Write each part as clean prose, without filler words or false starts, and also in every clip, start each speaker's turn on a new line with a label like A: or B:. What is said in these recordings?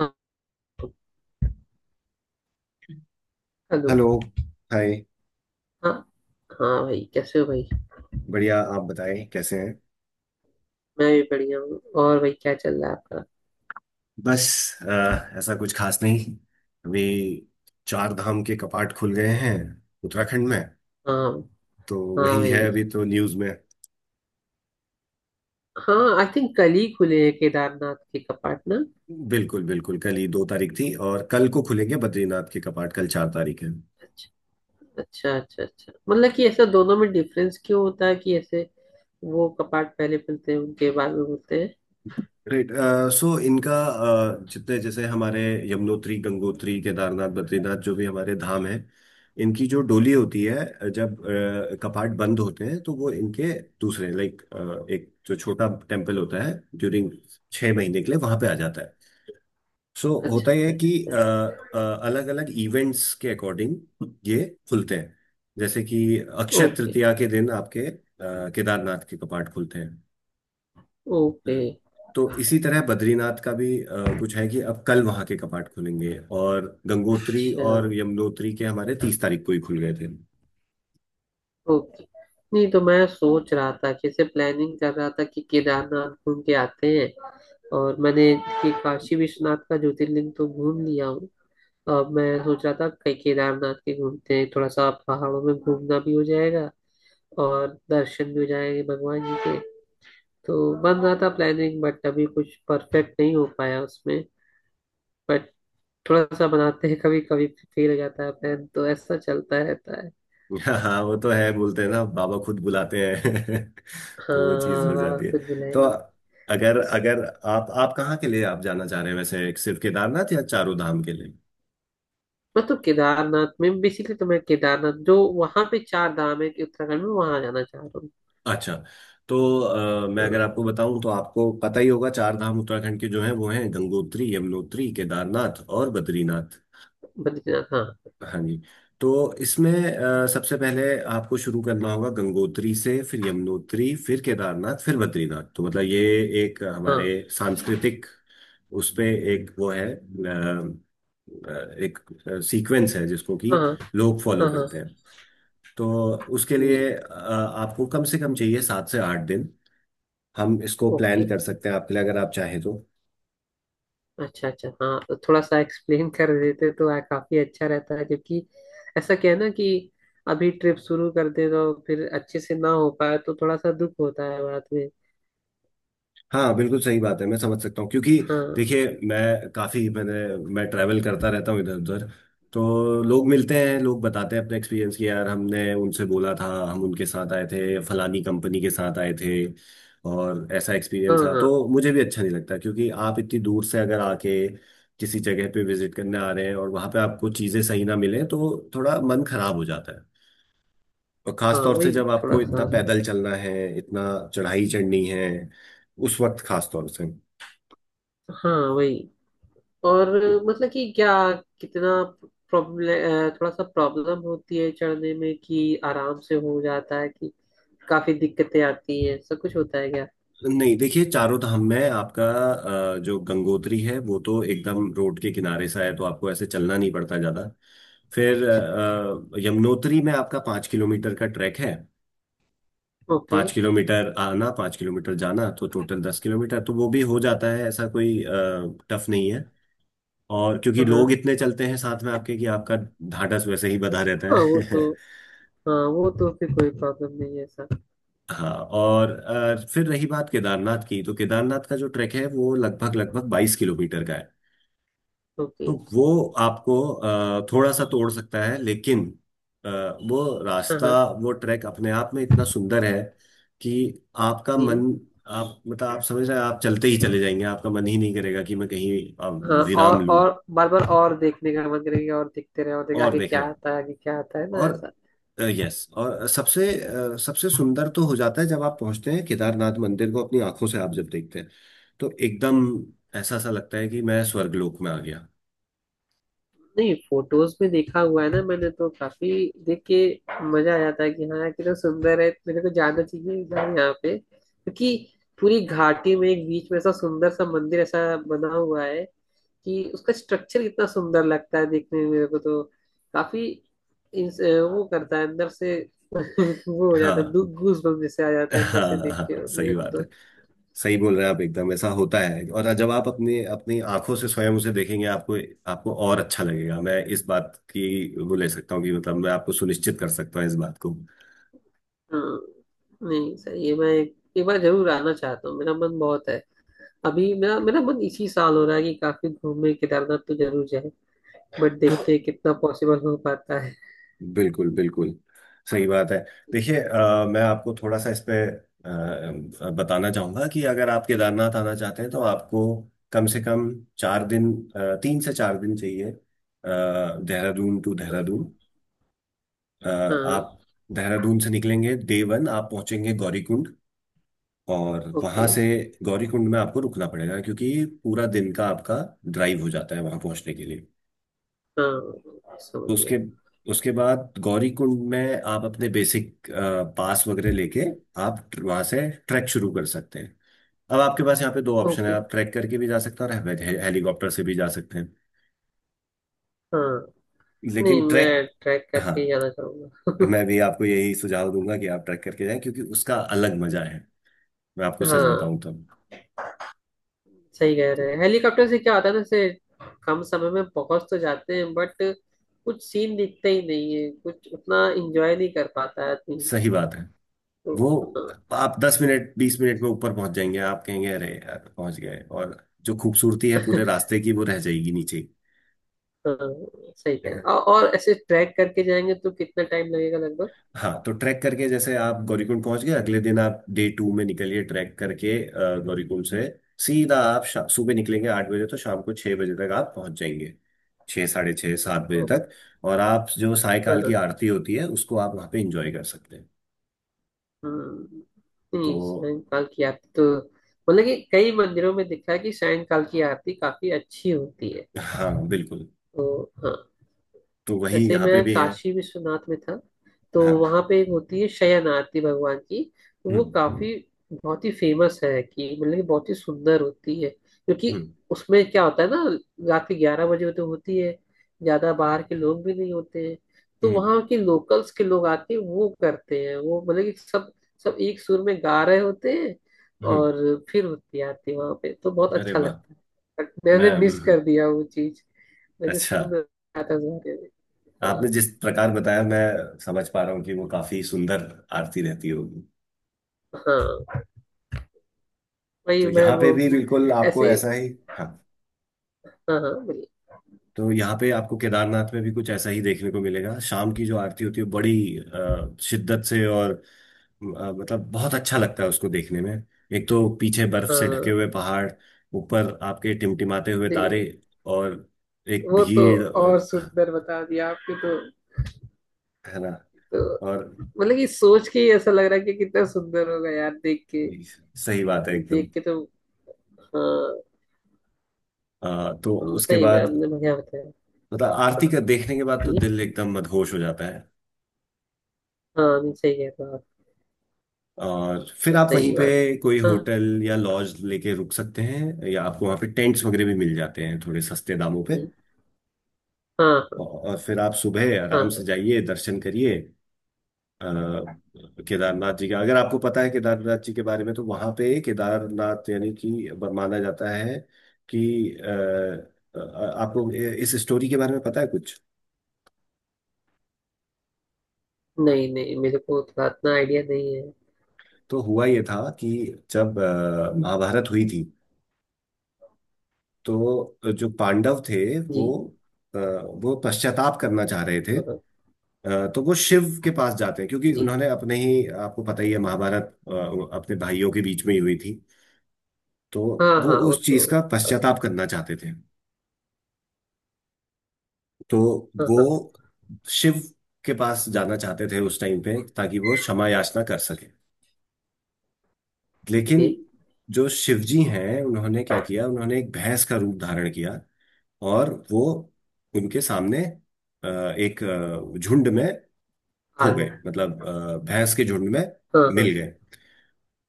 A: हाँ। Hello.
B: Hello, hi.
A: हाँ। हाँ भाई, कैसे हो भाई?
B: बढ़िया, आप बताएं कैसे हैं।
A: मैं भी बढ़िया हूँ। और भाई, क्या चल रहा है आपका?
B: बस, ऐसा कुछ खास नहीं। अभी चार धाम के कपाट खुल गए हैं उत्तराखंड में।
A: हाँ,
B: तो
A: हाँ
B: वही है
A: भाई।
B: अभी तो न्यूज़ में।
A: हाँ, आई थिंक कल ही खुले हैं केदारनाथ के कपाट ना?
B: बिल्कुल बिल्कुल, कल ही 2 तारीख थी और कल को खुलेंगे बद्रीनाथ के कपाट, कल 4 तारीख है।
A: अच्छा, अच्छा, अच्छा। अच्छा मतलब कि ऐसा दोनों में डिफरेंस क्यों होता है कि ऐसे वो कपाट पहले खुलते हैं, उनके बाद में खुलते हैं?
B: राइट। सो इनका जितने, जैसे हमारे यमुनोत्री, गंगोत्री, केदारनाथ, बद्रीनाथ, जो भी हमारे धाम हैं, इनकी जो डोली होती है, जब कपाट बंद होते हैं तो वो इनके दूसरे लाइक एक जो छोटा टेम्पल होता है, ड्यूरिंग 6 महीने के लिए वहां पे आ जाता है। सो होता
A: अच्छा,
B: यह है
A: अच्छा,
B: कि
A: अच्छा, अच्छा।
B: अलग अलग इवेंट्स के अकॉर्डिंग ये खुलते हैं। जैसे कि अक्षय
A: ओके,
B: तृतीया के दिन आपके केदारनाथ के कपाट खुलते हैं।
A: ओके।
B: हम्म। तो इसी तरह बद्रीनाथ का भी कुछ है कि अब कल वहां के कपाट खुलेंगे, और गंगोत्री
A: अच्छा।
B: और यमुनोत्री के हमारे 30 तारीख को ही खुल गए थे।
A: ओके। नहीं तो मैं सोच रहा था कि ऐसे प्लानिंग कर रहा था कि केदारनाथ घूम के आते हैं। और मैंने, देखिए, काशी विश्वनाथ का ज्योतिर्लिंग तो घूम लिया हूँ। अब मैं सोच रहा था कहीं केदारनाथ के घूमते हैं, थोड़ा सा पहाड़ों में घूमना भी हो जाएगा और दर्शन भी हो जाएंगे भगवान जी के। तो बन रहा था प्लानिंग, बट अभी कुछ परफेक्ट नहीं हो पाया उसमें। बट थोड़ा सा बनाते हैं, कभी कभी फेल हो जाता है प्लान, तो ऐसा चलता रहता है।
B: हाँ वो तो है, बोलते हैं ना, बाबा खुद बुलाते हैं
A: हाँ,
B: तो वो चीज हो
A: वाह,
B: जाती है।
A: कुछ भी
B: तो
A: लाएंगे।
B: अगर
A: बस,
B: अगर आप कहाँ के लिए आप जाना चाह रहे हैं वैसे, सिर्फ केदारनाथ या चारों धाम के लिए?
A: मैं तो केदारनाथ में बेसिकली, तो मैं केदारनाथ जो वहां पे चार धाम है कि उत्तराखंड में, वहां जाना चाह रहा हूँ।
B: अच्छा। तो मैं अगर
A: हाँ,
B: आपको बताऊं तो आपको पता ही होगा, चार धाम उत्तराखंड के जो हैं वो हैं गंगोत्री, यमुनोत्री, केदारनाथ और बद्रीनाथ।
A: बद्रीनाथ, हाँ।
B: हाँ जी। तो इसमें सबसे पहले आपको शुरू करना होगा गंगोत्री से, फिर यमुनोत्री, फिर केदारनाथ, फिर बद्रीनाथ, तो मतलब ये एक हमारे
A: हाँ।
B: सांस्कृतिक, उस पे एक वो है एक सीक्वेंस है जिसको कि
A: हाँ।
B: लोग फॉलो
A: हाँ। हाँ
B: करते हैं। तो उसके
A: जी।
B: लिए आपको कम से कम चाहिए 7 से 8 दिन। हम इसको प्लान
A: ओके।
B: कर सकते हैं आपके लिए, अगर आप चाहें तो।
A: अच्छा, अच्छा, हाँ तो थोड़ा सा एक्सप्लेन कर देते तो काफी अच्छा रहता है, क्योंकि ऐसा क्या है ना कि अभी ट्रिप शुरू कर दे तो फिर अच्छे से ना हो पाए तो थोड़ा सा दुख होता है बाद में।
B: हाँ बिल्कुल सही बात है, मैं समझ सकता हूँ, क्योंकि
A: हाँ।
B: देखिए मैं काफ़ी मैंने मैं ट्रैवल करता रहता हूँ इधर उधर। तो लोग मिलते हैं, लोग बताते हैं अपने एक्सपीरियंस कि यार हमने उनसे बोला था, हम उनके साथ आए थे, फलानी कंपनी के साथ आए थे और ऐसा
A: हाँ।
B: एक्सपीरियंस था।
A: हाँ।
B: तो मुझे भी अच्छा नहीं लगता, क्योंकि आप इतनी दूर से अगर आके किसी जगह पे विजिट करने आ रहे हैं और वहाँ पे आपको चीज़ें सही ना मिले तो थोड़ा मन खराब हो जाता है। और खास
A: हाँ,
B: तौर से
A: वही
B: जब
A: थोड़ा
B: आपको इतना
A: सा।
B: पैदल चलना है, इतना चढ़ाई चढ़नी है, उस वक्त खास तौर से।
A: हाँ, वही। और मतलब कि क्या, कितना प्रॉब्लम, थोड़ा सा प्रॉब्लम होती है चढ़ने में कि आराम से हो जाता है, कि काफी दिक्कतें आती हैं, ऐसा कुछ होता है क्या?
B: नहीं देखिए, चारों धाम में आपका जो गंगोत्री है वो तो एकदम रोड के किनारे सा है, तो आपको ऐसे चलना नहीं पड़ता ज्यादा। फिर
A: अच्छा, अच्छा।
B: यमुनोत्री में आपका 5 किलोमीटर का ट्रैक है।
A: ओके।
B: 5 किलोमीटर आना, 5 किलोमीटर जाना, तो टोटल 10 किलोमीटर, तो वो भी हो जाता है, ऐसा कोई टफ नहीं है। और क्योंकि
A: हाँ।
B: लोग
A: हाँ।
B: इतने चलते हैं साथ में आपके कि आपका ढाढ़स वैसे ही बंधा रहता
A: हाँ, वो तो।
B: है
A: हाँ वो तो फिर कोई प्रॉब्लम नहीं है सर।
B: हाँ, और फिर रही बात केदारनाथ की, तो केदारनाथ का जो ट्रैक है वो लगभग लगभग 22 किलोमीटर का है।
A: ओके।
B: तो वो आपको थोड़ा सा तोड़ सकता है, लेकिन अ, वो
A: हाँ।
B: रास्ता,
A: हाँ
B: वो ट्रैक अपने आप में इतना सुंदर है कि आपका
A: जी।
B: मन, आप मतलब आप समझ रहे हैं, आप चलते ही चले जाएंगे, आपका मन ही नहीं करेगा कि मैं कहीं
A: हाँ, और
B: विराम लूं
A: और बार बार और देखने का मन करेगा, और देखते रहे और देख
B: और
A: आगे क्या
B: देखना।
A: आता है, आगे क्या आता है ना,
B: और
A: ऐसा।
B: यस, और सबसे सबसे सुंदर तो हो जाता है जब आप पहुंचते हैं केदारनाथ मंदिर को, अपनी आंखों से आप जब देखते हैं, तो एकदम ऐसा सा लगता है कि मैं स्वर्गलोक में आ गया।
A: नहीं, फोटोज में देखा हुआ है ना मैंने तो काफी। देख के मजा आ जाता है कि हाँ यार कितना सुंदर है, मेरे को जाना चाहिए यार यहाँ पे, क्योंकि पूरी घाटी में एक बीच में ऐसा सुंदर सा मंदिर ऐसा बना हुआ है, कि उसका स्ट्रक्चर इतना सुंदर लगता है देखने में मेरे को तो काफी इंस- वो करता है अंदर से। वो हो जाता है,
B: हाँ
A: गूज बम्प जैसे आ जाते हैं अंदर
B: हाँ
A: से देख के
B: हाँ। सही
A: मेरे को
B: बात
A: तो।
B: है, सही बोल रहे हैं आप, एकदम ऐसा होता है, और जब आप अपने, अपनी आंखों से स्वयं उसे देखेंगे आपको, आपको और अच्छा लगेगा। मैं इस बात की वो ले सकता हूँ कि, मतलब, मैं आपको सुनिश्चित कर सकता हूँ इस बात को।
A: हाँ। नहीं सही है, मैं एक बार जरूर आना चाहता हूँ, मेरा मन बहुत है। अभी मेरा मेरा मन इसी साल हो रहा है कि काफी घूमे, केदारनाथ तो जरूर जाए। बट
B: तो
A: देखते हैं कितना पॉसिबल हो पाता है।
B: बिल्कुल बिल्कुल सही बात है। देखिए मैं आपको थोड़ा सा इस पे बताना चाहूंगा कि अगर आप केदारनाथ आना चाहते हैं तो आपको कम से कम 4 दिन, 3 से 4 दिन चाहिए, देहरादून टू देहरादून। आप
A: हाँ।
B: देहरादून से निकलेंगे, Day 1 आप पहुंचेंगे गौरीकुंड और वहां
A: ओके।
B: से, गौरीकुंड में आपको रुकना पड़ेगा, क्योंकि पूरा दिन का आपका ड्राइव हो जाता है वहां पहुंचने के लिए।
A: हाँ, समझ
B: तो
A: गया।
B: उसके उसके बाद गौरी कुंड में आप अपने बेसिक पास वगैरह लेके, आप वहां से ट्रैक शुरू कर सकते हैं। अब आपके पास यहाँ पे दो ऑप्शन है,
A: ओके।
B: आप ट्रैक करके भी जा सकते हैं और हेलीकॉप्टर से भी जा सकते हैं,
A: हाँ नहीं,
B: लेकिन ट्रैक।
A: मैं ट्रैक
B: हाँ,
A: करके ही जाना चाहूंगा।
B: मैं भी आपको यही सुझाव दूंगा कि आप ट्रैक करके जाएं, क्योंकि उसका अलग मजा है, मैं आपको सच
A: हाँ,
B: बताऊं तब।
A: सही कह रहे
B: तो
A: हैं। हेलीकॉप्टर से क्या होता है ना, जैसे कम समय में पहुंच तो जाते हैं, बट कुछ सीन दिखते ही नहीं है, कुछ उतना एंजॉय नहीं कर पाता है आदमी।
B: सही बात है।
A: तो
B: वो आप 10 मिनट 20 मिनट में ऊपर पहुंच जाएंगे, आप कहेंगे अरे यार पहुंच गए, और जो खूबसूरती है पूरे रास्ते की वो रह जाएगी नीचे।
A: हाँ, हाँ, सही कह रहे हैं। और ऐसे ट्रैक करके जाएंगे तो कितना टाइम लगेगा लगभग?
B: हाँ, तो ट्रैक करके जैसे आप गौरीकुंड पहुंच गए, अगले दिन आप Day 2 में निकलिए ट्रैक करके गौरीकुंड से सीधा, आप सुबह निकलेंगे 8 बजे, तो शाम को 6 बजे तक आप पहुंच जाएंगे, 6, साढ़े 6, 7 बजे
A: ओ!
B: तक। और आप जो
A: हाँ।
B: सायकाल की
A: हाँ।
B: आरती होती है उसको आप वहाँ पे एंजॉय कर सकते हैं।
A: हम्म।
B: तो
A: नहीं, सायंकाल की आरती तो मतलब कि कई मंदिरों में दिखा है कि सायंकाल की आरती काफी अच्छी होती है।
B: हाँ बिल्कुल।
A: तो हाँ।
B: तो वही
A: वैसे
B: यहाँ पे
A: मैं
B: भी है।
A: काशी विश्वनाथ में था, तो
B: हाँ।
A: वहां पे एक होती है शयनार्थी भगवान की। तो वो
B: हम्म,
A: काफी बहुत ही फेमस है, कि मतलब कि बहुत ही सुंदर होती है, क्योंकि
B: हम्म,
A: उसमें क्या होता है ना, रात के 11 बजे तो होती है, ज्यादा बाहर के लोग भी नहीं होते हैं, तो
B: हम्म,
A: वहाँ के लोकल्स के लोग आके वो करते हैं, वो मतलब कि सब सब एक सुर में गा रहे होते हैं
B: हम्म।
A: और फिर होती आती है वहां पे, तो बहुत
B: अरे
A: अच्छा
B: वाह।
A: लगता है। बट मैंने
B: मैं,
A: मिस
B: हम्म।
A: कर दिया वो चीज। मैंने
B: अच्छा।
A: सुन रहा था उस बारे में। हाँ।
B: आपने जिस प्रकार बताया, मैं समझ पा रहा हूँ कि वो काफी सुंदर आरती रहती होगी।
A: हाँ, वही
B: तो
A: मैं,
B: यहाँ पे भी
A: वो।
B: बिल्कुल आपको
A: ऐसे ही।
B: ऐसा ही। हाँ।
A: हाँ। हाँ, बोलिए।
B: तो यहाँ पे आपको केदारनाथ में भी कुछ ऐसा ही देखने को मिलेगा, शाम की जो आरती होती है बड़ी शिद्दत से, और मतलब बहुत अच्छा लगता है उसको देखने में। एक तो पीछे बर्फ से ढके
A: हाँ,
B: हुए पहाड़, ऊपर आपके टिमटिमाते हुए तारे,
A: ये-
B: और एक
A: वो तो।
B: भीड़,
A: और
B: और
A: सुंदर बता दिया आपने। तो
B: है ना?
A: तो
B: और
A: मतलब कि सोच के ही ऐसा लग रहा है कि कितना सुंदर होगा यार, देख के,
B: सही बात है एकदम।
A: देख के तो। हाँ।
B: तो उसके
A: सही में
B: बाद,
A: आपने बढ़िया बताया।
B: मतलब आरती
A: हाँ
B: का देखने के बाद तो
A: जी।
B: दिल एकदम मदहोश हो जाता है।
A: हाँ नहीं, सही कह रहे हो
B: और फिर
A: आप,
B: आप वहीं
A: सही
B: पे
A: बात है।
B: कोई
A: हाँ
B: होटल या लॉज लेके रुक सकते हैं, या आपको वहाँ पे टेंट्स वगैरह भी मिल जाते हैं थोड़े सस्ते दामों पे।
A: जी। हाँ।
B: और फिर आप सुबह
A: हाँ।
B: आराम से
A: हाँ
B: जाइए, दर्शन करिए। अ, केदारनाथ जी का, अगर आपको पता है केदारनाथ जी के बारे में, तो वहाँ पे केदारनाथ, यानी कि माना जाता है कि अ, अ, आपको इस स्टोरी के बारे में पता है कुछ?
A: नहीं नहीं, मेरे को उतना इतना आइडिया नहीं है।
B: तो हुआ ये था कि जब महाभारत हुई थी, तो जो पांडव थे
A: जी।
B: वो, वो पश्चाताप करना चाह रहे थे।
A: हाँ
B: तो वो शिव के पास जाते हैं, क्योंकि
A: जी।
B: उन्होंने अपने ही, आपको पता ही है, महाभारत अ, अपने भाइयों के बीच में ही हुई थी। तो
A: हाँ।
B: वो
A: हाँ, वो
B: उस
A: तो
B: चीज का
A: पता
B: पश्चाताप
A: है।
B: करना चाहते थे। तो
A: हाँ।
B: वो
A: हाँ।
B: शिव के पास जाना चाहते थे उस टाइम पे, ताकि वो क्षमा याचना कर सके। लेकिन
A: ओके।
B: जो शिवजी हैं, उन्होंने क्या किया, उन्होंने एक भैंस का रूप धारण किया और वो उनके सामने अ, एक झुंड में
A: आ
B: खो
A: गया।
B: गए, मतलब भैंस के झुंड में
A: हाँ।
B: मिल
A: हाँ।
B: गए।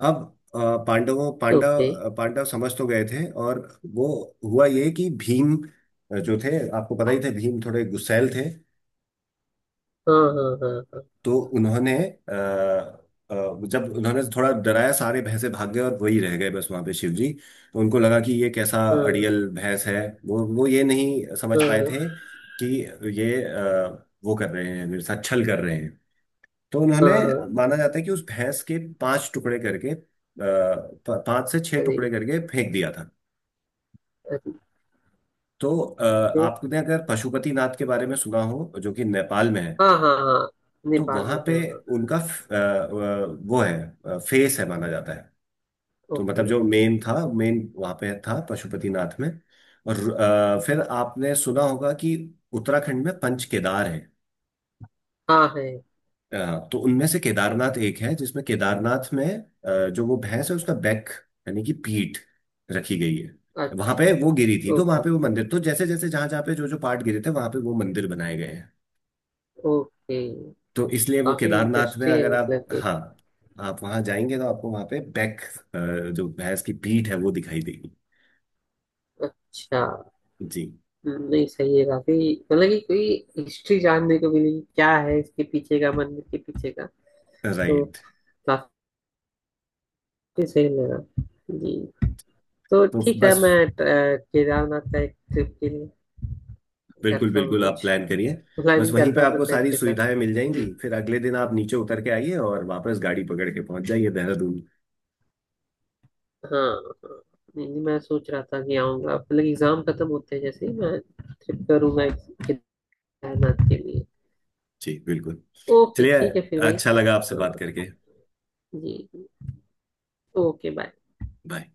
B: अब अ, पांडवों
A: ओके।
B: पांडव पांडव समझ तो गए थे, और वो, हुआ ये कि भीम जो थे, आपको पता ही थे भीम थोड़े गुस्सैल थे,
A: हाँ। हाँ। हाँ।
B: तो उन्होंने अ, जब उन्होंने थोड़ा डराया, सारे भैंसे भाग गए और वही रह गए बस वहां पे शिव जी। तो उनको लगा कि ये कैसा
A: हाँ।
B: अड़ियल भैंस है। वो ये नहीं समझ
A: हाँ।
B: पाए थे
A: हाँ।
B: कि ये वो कर रहे हैं मेरे साथ, छल कर रहे हैं। तो
A: हाँ।
B: उन्होंने,
A: हाँ।
B: माना जाता है कि उस भैंस के पांच टुकड़े करके, पांच से छह
A: अरे!
B: टुकड़े करके फेंक दिया था।
A: अरे!
B: तो आपने अगर पशुपति नाथ के बारे में सुना हो, जो कि नेपाल में है,
A: हाँ। हाँ। हाँ,
B: तो
A: नेपाल
B: वहां
A: में
B: पे
A: है, हाँ।
B: उनका वो है, फेस है माना जाता है। तो
A: ओके।
B: मतलब जो मेन था, मेन वहां पे था पशुपतिनाथ में। और फिर आपने सुना होगा कि उत्तराखंड में पंच केदार है।
A: हाँ, है।
B: तो उनमें से केदारनाथ एक है, जिसमें केदारनाथ में जो वो भैंस है, उसका बैक, यानी कि पीठ रखी गई है। वहां
A: अच्छा।
B: पे वो गिरी थी, तो वहां
A: ओके।
B: पे वो मंदिर, तो जैसे जैसे जहां जहां पे जो जो पार्ट गिरे थे वहां पे वो मंदिर बनाए गए हैं।
A: ओके,
B: तो इसलिए वो,
A: काफी
B: केदारनाथ में
A: इंटरेस्टिंग
B: अगर
A: है,
B: आप,
A: मतलब कि।
B: हाँ, आप वहां जाएंगे तो आपको वहां पे बैक, जो भैंस की पीठ है वो दिखाई देगी।
A: अच्छा,
B: जी।
A: नहीं सही है, काफी मतलब कि कोई हिस्ट्री जानने को मिली कि क्या है इसके पीछे का, मंदिर के पीछे का। तो
B: राइट।
A: काफी सही लगा। जी। तो
B: तो
A: ठीक है,
B: बस,
A: मैं केदारनाथ का एक ट्रिप के लिए
B: बिल्कुल
A: करता हूँ
B: बिल्कुल, आप
A: कुछ
B: प्लान करिए। बस
A: प्लानिंग,
B: वहीं पे
A: करता हूँ अपने
B: आपको
A: फ्रेंड
B: सारी
A: के साथ।
B: सुविधाएं मिल
A: जी।
B: जाएंगी, फिर अगले दिन आप नीचे उतर के आइए और वापस गाड़ी पकड़ के पहुंच जाइए देहरादून।
A: हाँ। हाँ। नहीं नहीं, मैं सोच रहा था कि आऊंगा मतलब, एग्जाम खत्म होते हैं जैसे ही मैं ट्रिप करूंगा केदारनाथ के लिए।
B: जी बिल्कुल।
A: ओके,
B: चलिए।
A: ठीक है फिर भाई।
B: अच्छा लगा आपसे बात
A: हाँ
B: करके।
A: जी। ओके। बाय।
B: बाय।